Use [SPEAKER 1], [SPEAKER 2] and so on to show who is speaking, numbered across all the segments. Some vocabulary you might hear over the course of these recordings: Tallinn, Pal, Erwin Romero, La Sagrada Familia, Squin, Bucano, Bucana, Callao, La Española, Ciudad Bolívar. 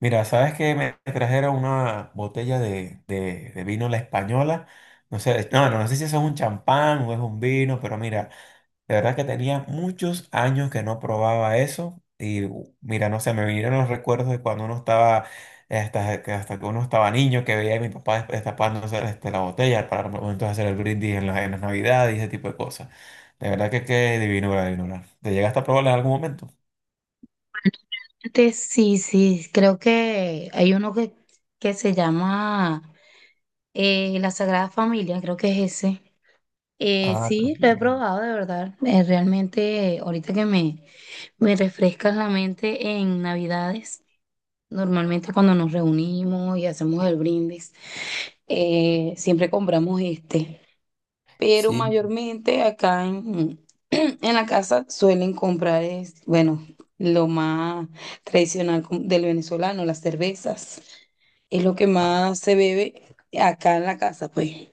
[SPEAKER 1] Mira, sabes que me trajeron una botella de vino La Española. No sé, no sé si eso es un champán o es un vino, pero mira, de verdad que tenía muchos años que no probaba eso. Y mira, no sé, me vinieron los recuerdos de cuando uno estaba, hasta que uno estaba niño, que veía a mi papá destapándose la botella para momentos hacer el brindis en las Navidades y ese tipo de cosas. De verdad que qué divino, divino. ¿Te llegaste a probarla en algún momento?
[SPEAKER 2] Sí, sí, creo que hay uno que se llama La Sagrada Familia, creo que es ese. Eh,
[SPEAKER 1] Ah,
[SPEAKER 2] sí, lo he
[SPEAKER 1] también.
[SPEAKER 2] probado de verdad. Realmente, ahorita que me refrescas la mente en Navidades, normalmente cuando nos reunimos y hacemos el brindis. Siempre compramos pero
[SPEAKER 1] Sí.
[SPEAKER 2] mayormente acá en, en la casa suelen comprar, bueno, lo más tradicional como del venezolano, las cervezas. Es lo que más se bebe acá en la casa, pues.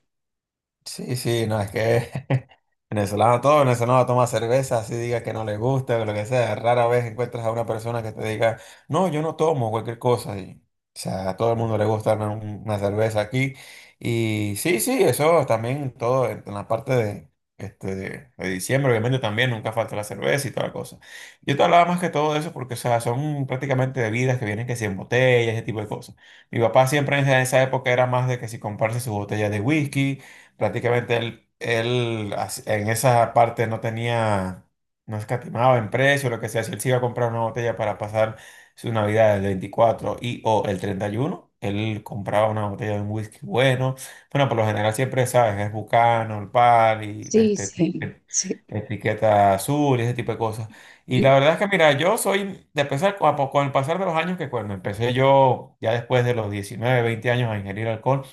[SPEAKER 1] Sí, sí, no, es que venezolano, todo venezolano toma cerveza, así diga que no le gusta, o lo que sea. Rara vez encuentras a una persona que te diga, no, yo no tomo cualquier cosa. Y, o sea, a todo el mundo le gusta una cerveza aquí. Y sí, sí, eso también todo en la parte de, de diciembre, obviamente también nunca falta la cerveza y toda la cosa. Yo te hablaba más que todo de eso porque, o sea, son prácticamente bebidas que vienen que si en botellas, ese tipo de cosas. Mi papá siempre en esa época era más de que si comprarse su botella de whisky prácticamente él en esa parte no tenía, no escatimaba en precio, lo que sea. Si él se iba a comprar una botella para pasar su Navidad del 24 o el 31 él compraba una botella de un whisky bueno. Bueno, por lo general siempre, ¿sabes? Es Bucano, el Pal y
[SPEAKER 2] Sí, sí, sí.
[SPEAKER 1] etiqueta azul y ese tipo de cosas. Y la verdad es que, mira, yo soy, de pesar, con el pasar de los años, que cuando empecé yo, ya después de los 19 20 años a ingerir alcohol,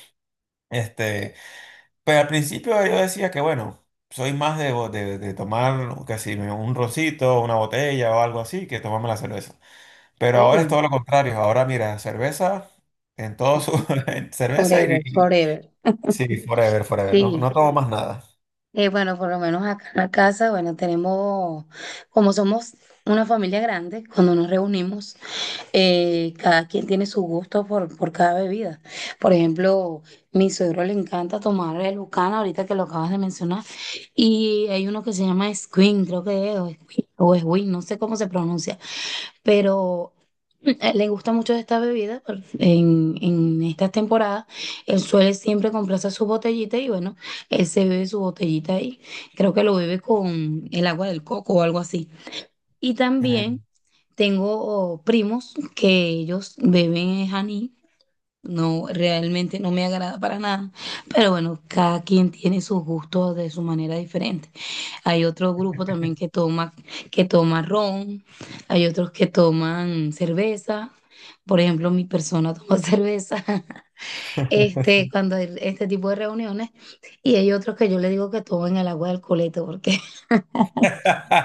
[SPEAKER 1] este... Pero al principio yo decía que, bueno, soy más de tomar casi un rosito, una botella o algo así, que tomarme la cerveza. Pero ahora es
[SPEAKER 2] Sí.
[SPEAKER 1] todo lo contrario. Ahora, mira, cerveza en todo su... en cerveza
[SPEAKER 2] Forever, forever.
[SPEAKER 1] Sí, forever, forever. No,
[SPEAKER 2] Sí.
[SPEAKER 1] no tomo más nada.
[SPEAKER 2] Bueno, por lo menos acá en la casa, bueno, tenemos, como somos una familia grande, cuando nos reunimos, cada quien tiene su gusto por cada bebida. Por ejemplo, mi suegro le encanta tomar el Bucana, ahorita que lo acabas de mencionar, y hay uno que se llama Squin, creo que es, o Squin, no sé cómo se pronuncia, pero le gusta mucho esta bebida en, estas temporadas. Él suele siempre comprarse su botellita y bueno, él se bebe su botellita ahí. Creo que lo bebe con el agua del coco o algo así. Y también.
[SPEAKER 1] Mm.
[SPEAKER 2] Tengo primos que ellos beben es anís. No, realmente no me agrada para nada. Pero bueno, cada quien tiene sus gustos de su manera diferente. Hay otro grupo también que toma ron, hay otros que toman cerveza. Por ejemplo, mi persona toma cerveza, cuando hay este tipo de reuniones. Y hay otros que yo le digo que tomen el agua del coleto porque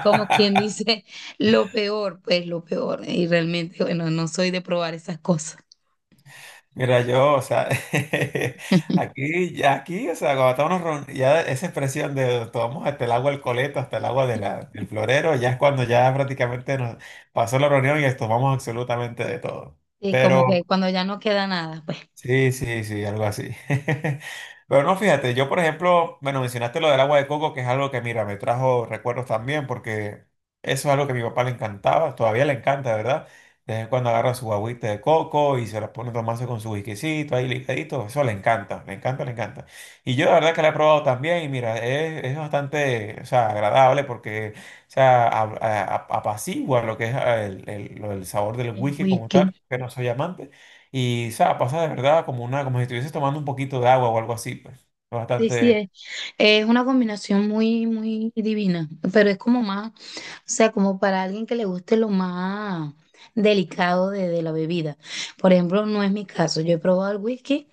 [SPEAKER 2] como quien dice, lo peor, pues lo peor. Y realmente, bueno, no soy de probar esas cosas.
[SPEAKER 1] Mira, yo, o sea, aquí, ya aquí, o sea, cuando estamos ya esa expresión de tomamos hasta el agua del coleto, hasta el agua de del florero, ya es cuando ya prácticamente nos pasó la reunión y tomamos absolutamente de todo.
[SPEAKER 2] Y como que
[SPEAKER 1] Pero
[SPEAKER 2] cuando ya no queda nada, pues
[SPEAKER 1] Sí, sí, sí, algo así. Pero no, fíjate, yo por ejemplo, bueno, mencionaste lo del agua de coco, que es algo que, mira, me trajo recuerdos también, porque eso es algo que a mi papá le encantaba, todavía le encanta, ¿verdad? De vez en cuando agarra su agüita de coco y se la pone a tomarse con su whiskycito ahí ligadito, eso le encanta, le encanta, le encanta. Y yo la verdad que la he probado también y mira, es bastante, o sea, agradable porque, o sea, apacigua lo que es el sabor del
[SPEAKER 2] el
[SPEAKER 1] whisky como
[SPEAKER 2] whisky.
[SPEAKER 1] tal, que no soy amante. Y, o sea, pasa de verdad como si estuvieses tomando un poquito de agua o algo así, pues.
[SPEAKER 2] Sí, sí,
[SPEAKER 1] Bastante,
[SPEAKER 2] es una combinación muy, muy divina, pero es como más, o sea, como para alguien que le guste lo más delicado de la bebida. Por ejemplo, no es mi caso, yo he probado el whisky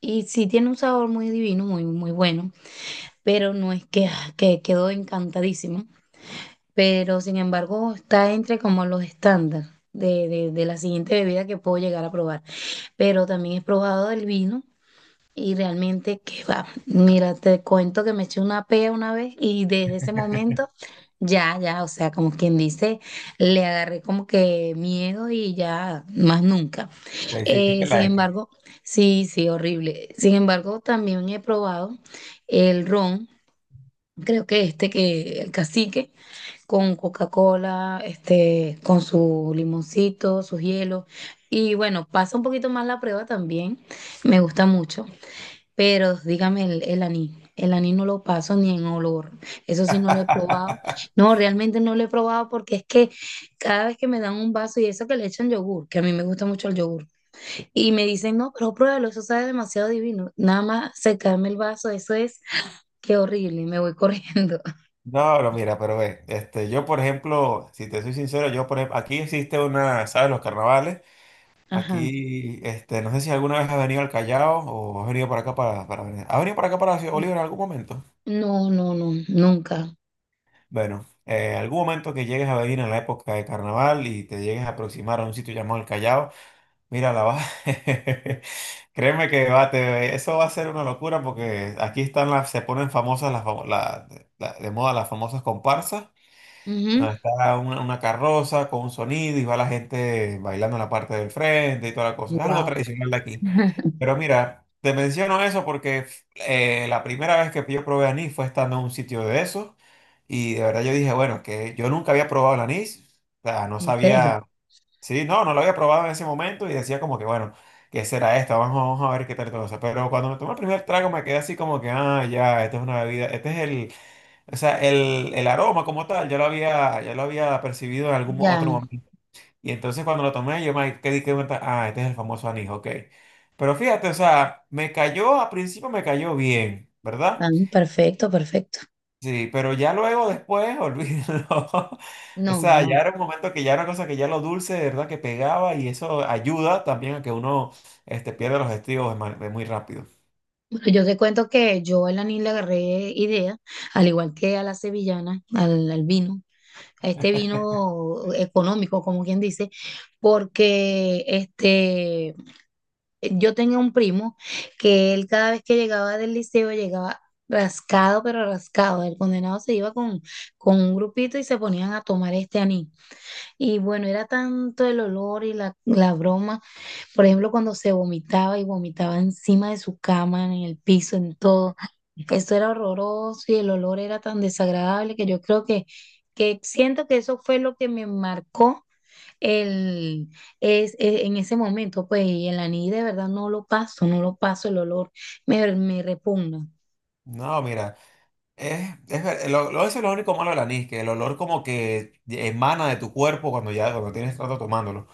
[SPEAKER 2] y sí tiene un sabor muy divino, muy, muy bueno, pero no es que, ah, que quedo encantadísima. Pero sin embargo está entre como los estándares de la siguiente bebida que puedo llegar a probar. Pero también he probado el vino y realmente que va. Mira, te cuento que me eché una pea una vez y desde ese momento ya, ya, o sea, como quien dice, le agarré como que miedo y ya más nunca.
[SPEAKER 1] le hiciste
[SPEAKER 2] Sin
[SPEAKER 1] la X.
[SPEAKER 2] embargo, sí, sí, horrible. Sin embargo, también he probado el ron. Creo que que el cacique, con Coca-Cola, con su limoncito, sus hielos. Y bueno, pasa un poquito más la prueba también, me gusta mucho, pero dígame el, anís. El anís no lo paso ni en olor, eso sí no lo he probado. No, realmente no lo he probado porque es que cada vez que me dan un vaso y eso que le echan yogur, que a mí me gusta mucho el yogur, y me dicen, no, pero pruébalo, eso sabe demasiado divino. Nada más secarme el vaso, eso es, qué horrible, me voy corriendo.
[SPEAKER 1] No, pero mira, pero ve, yo por ejemplo, si te soy sincero, yo por ejemplo, aquí existe una, ¿sabes? Los carnavales,
[SPEAKER 2] Ajá.
[SPEAKER 1] aquí, no sé si alguna vez has venido al Callao o has venido para acá ¿has venido para acá para Ciudad Bolívar en algún momento?
[SPEAKER 2] No, no, no, nunca.
[SPEAKER 1] Bueno, algún momento que llegues a venir en la época de carnaval y te llegues a aproximar a un sitio llamado el Callao, Mira, la va. Créeme que va, eso va a ser una locura porque aquí están las, se ponen famosas las, de moda las famosas comparsas,
[SPEAKER 2] Wow.
[SPEAKER 1] donde está una carroza con un sonido y va la gente bailando en la parte del frente y toda la cosa. Es algo tradicional de aquí. Pero mira, te menciono eso porque la primera vez que yo probé anís fue estando en un sitio de esos y de verdad yo dije, bueno, que yo nunca había probado el anís, o sea, no
[SPEAKER 2] En serio.
[SPEAKER 1] sabía. Sí, no, no lo había probado en ese momento y decía como que, bueno, ¿qué será esto? Vamos, vamos a ver qué tal todo eso. Pero cuando me tomé el primer trago me quedé así como que, ah, ya, esto es una bebida, este es el, o sea, el aroma como tal, ya lo había percibido en algún
[SPEAKER 2] Ya.
[SPEAKER 1] otro momento. Y entonces cuando lo tomé yo me quedé que cuenta, ah, este es el famoso anís, ok. Pero fíjate, o sea, me cayó, al principio me cayó bien,
[SPEAKER 2] Ah,
[SPEAKER 1] ¿verdad?
[SPEAKER 2] perfecto, perfecto.
[SPEAKER 1] Sí, pero ya luego después, olvídalo. O
[SPEAKER 2] No,
[SPEAKER 1] sea,
[SPEAKER 2] no.
[SPEAKER 1] ya era un momento que ya era una cosa que ya lo dulce, de verdad, que pegaba y eso ayuda también a que uno pierda los estribos de muy rápido.
[SPEAKER 2] Bueno, yo te cuento que yo a la NIL le agarré idea, al igual que a la sevillana, al vino, a este vino económico, como quien dice, porque yo tenía un primo que él cada vez que llegaba del liceo llegaba rascado, pero rascado. El condenado se iba con un grupito y se ponían a tomar este anís. Y bueno, era tanto el olor y la broma. Por ejemplo, cuando se vomitaba y vomitaba encima de su cama, en el piso, en todo. Eso era horroroso y el olor era tan desagradable que yo creo que siento que eso fue lo que me marcó el, en ese momento. Pues y el anís de verdad no lo paso el olor. Me repugna.
[SPEAKER 1] No, mira, es, ver- lo- eso es lo único malo del anís, que el olor como que emana de tu cuerpo cuando ya cuando tienes rato tomándolo.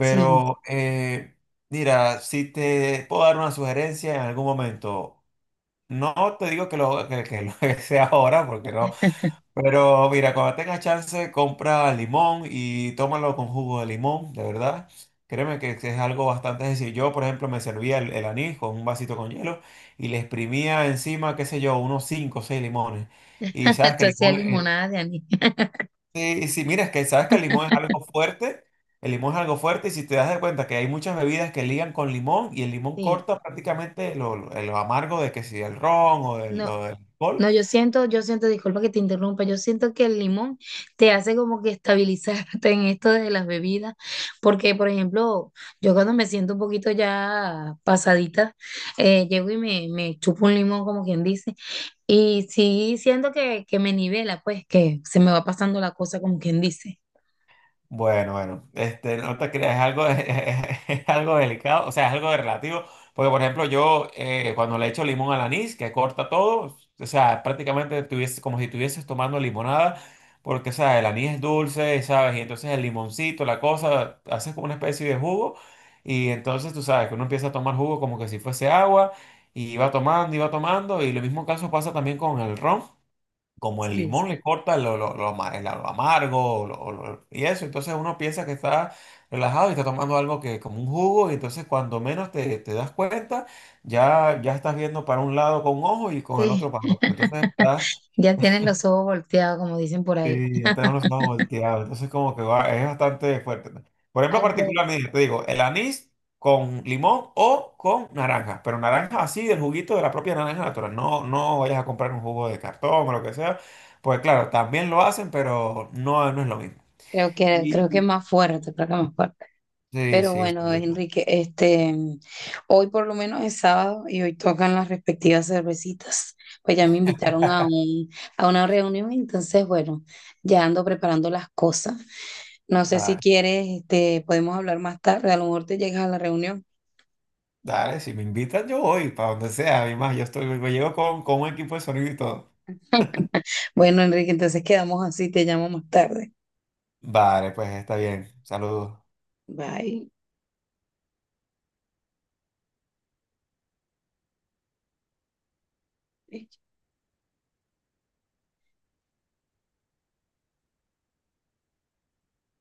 [SPEAKER 2] Sí,
[SPEAKER 1] mira, si te puedo dar una sugerencia en algún momento, no te digo que lo que sea ahora, porque no. Pero mira, cuando tengas chance, compra limón y tómalo con jugo de limón, de verdad. Créeme que es algo bastante sencillo. Yo, por ejemplo, me servía el anís con un vasito con hielo y le exprimía encima, qué sé yo, unos 5 o 6 limones. Y sabes que
[SPEAKER 2] tú
[SPEAKER 1] el
[SPEAKER 2] hacías
[SPEAKER 1] limón,
[SPEAKER 2] limonada de anís.
[SPEAKER 1] sí, sí, mira, es que sabes que el limón es algo fuerte. El limón es algo fuerte y si te das de cuenta que hay muchas bebidas que ligan con limón y el limón
[SPEAKER 2] Sí,
[SPEAKER 1] corta prácticamente lo amargo de que si el ron o del,
[SPEAKER 2] no.
[SPEAKER 1] o del alcohol.
[SPEAKER 2] No, yo siento, disculpa que te interrumpa, yo siento que el limón te hace como que estabilizarte en esto de las bebidas, porque por ejemplo, yo cuando me siento un poquito ya pasadita, llego y me chupo un limón, como quien dice, y sí siento que me nivela, pues que se me va pasando la cosa, como quien dice.
[SPEAKER 1] Bueno, bueno, no te creas, es algo, es algo delicado, o sea, es algo de relativo, porque por ejemplo yo cuando le echo limón al anís, que corta todo, o sea, prácticamente tuviese, como si estuvieses tomando limonada, porque, o sea, el anís es dulce, ¿sabes? Y entonces el limoncito, la cosa, haces como una especie de jugo, y entonces tú sabes que uno empieza a tomar jugo como que si fuese agua, y va tomando, y va tomando, y lo mismo caso pasa también con el ron como el
[SPEAKER 2] Sí,
[SPEAKER 1] limón le
[SPEAKER 2] sí.
[SPEAKER 1] corta lo amargo y eso, entonces uno piensa que está relajado y está tomando algo que como un jugo y entonces cuando menos te das cuenta ya, ya estás viendo para un lado con un ojo y con el
[SPEAKER 2] Sí.
[SPEAKER 1] otro para otro. Entonces estás
[SPEAKER 2] Ya tienes los ojos volteados, como dicen por ahí.
[SPEAKER 1] Sí, ya tenemos más volteado, entonces como que es bastante fuerte. ¿No? Por ejemplo,
[SPEAKER 2] Algo,
[SPEAKER 1] particularmente, te digo, el anís con limón o con naranja, pero naranja así, del juguito de la propia naranja natural, no, no vayas a comprar un jugo de cartón o lo que sea, pues claro, también lo hacen, pero no, no es lo mismo.
[SPEAKER 2] creo que
[SPEAKER 1] Y-
[SPEAKER 2] más fuerte, creo que más fuerte.
[SPEAKER 1] Sí,
[SPEAKER 2] Pero
[SPEAKER 1] sí,
[SPEAKER 2] bueno,
[SPEAKER 1] sí,
[SPEAKER 2] Enrique, hoy por lo menos es sábado y hoy tocan las respectivas cervecitas. Pues ya me invitaron a una reunión, entonces bueno, ya ando preparando las cosas. No sé si
[SPEAKER 1] dale,
[SPEAKER 2] quieres, podemos hablar más tarde, a lo mejor te llegas a la reunión.
[SPEAKER 1] dale, si me invitan yo voy, para donde sea, además yo estoy, yo llego con un equipo de sonido y todo.
[SPEAKER 2] Bueno, Enrique, entonces quedamos así, te llamo más tarde.
[SPEAKER 1] Vale, pues está bien, saludos.
[SPEAKER 2] Bye.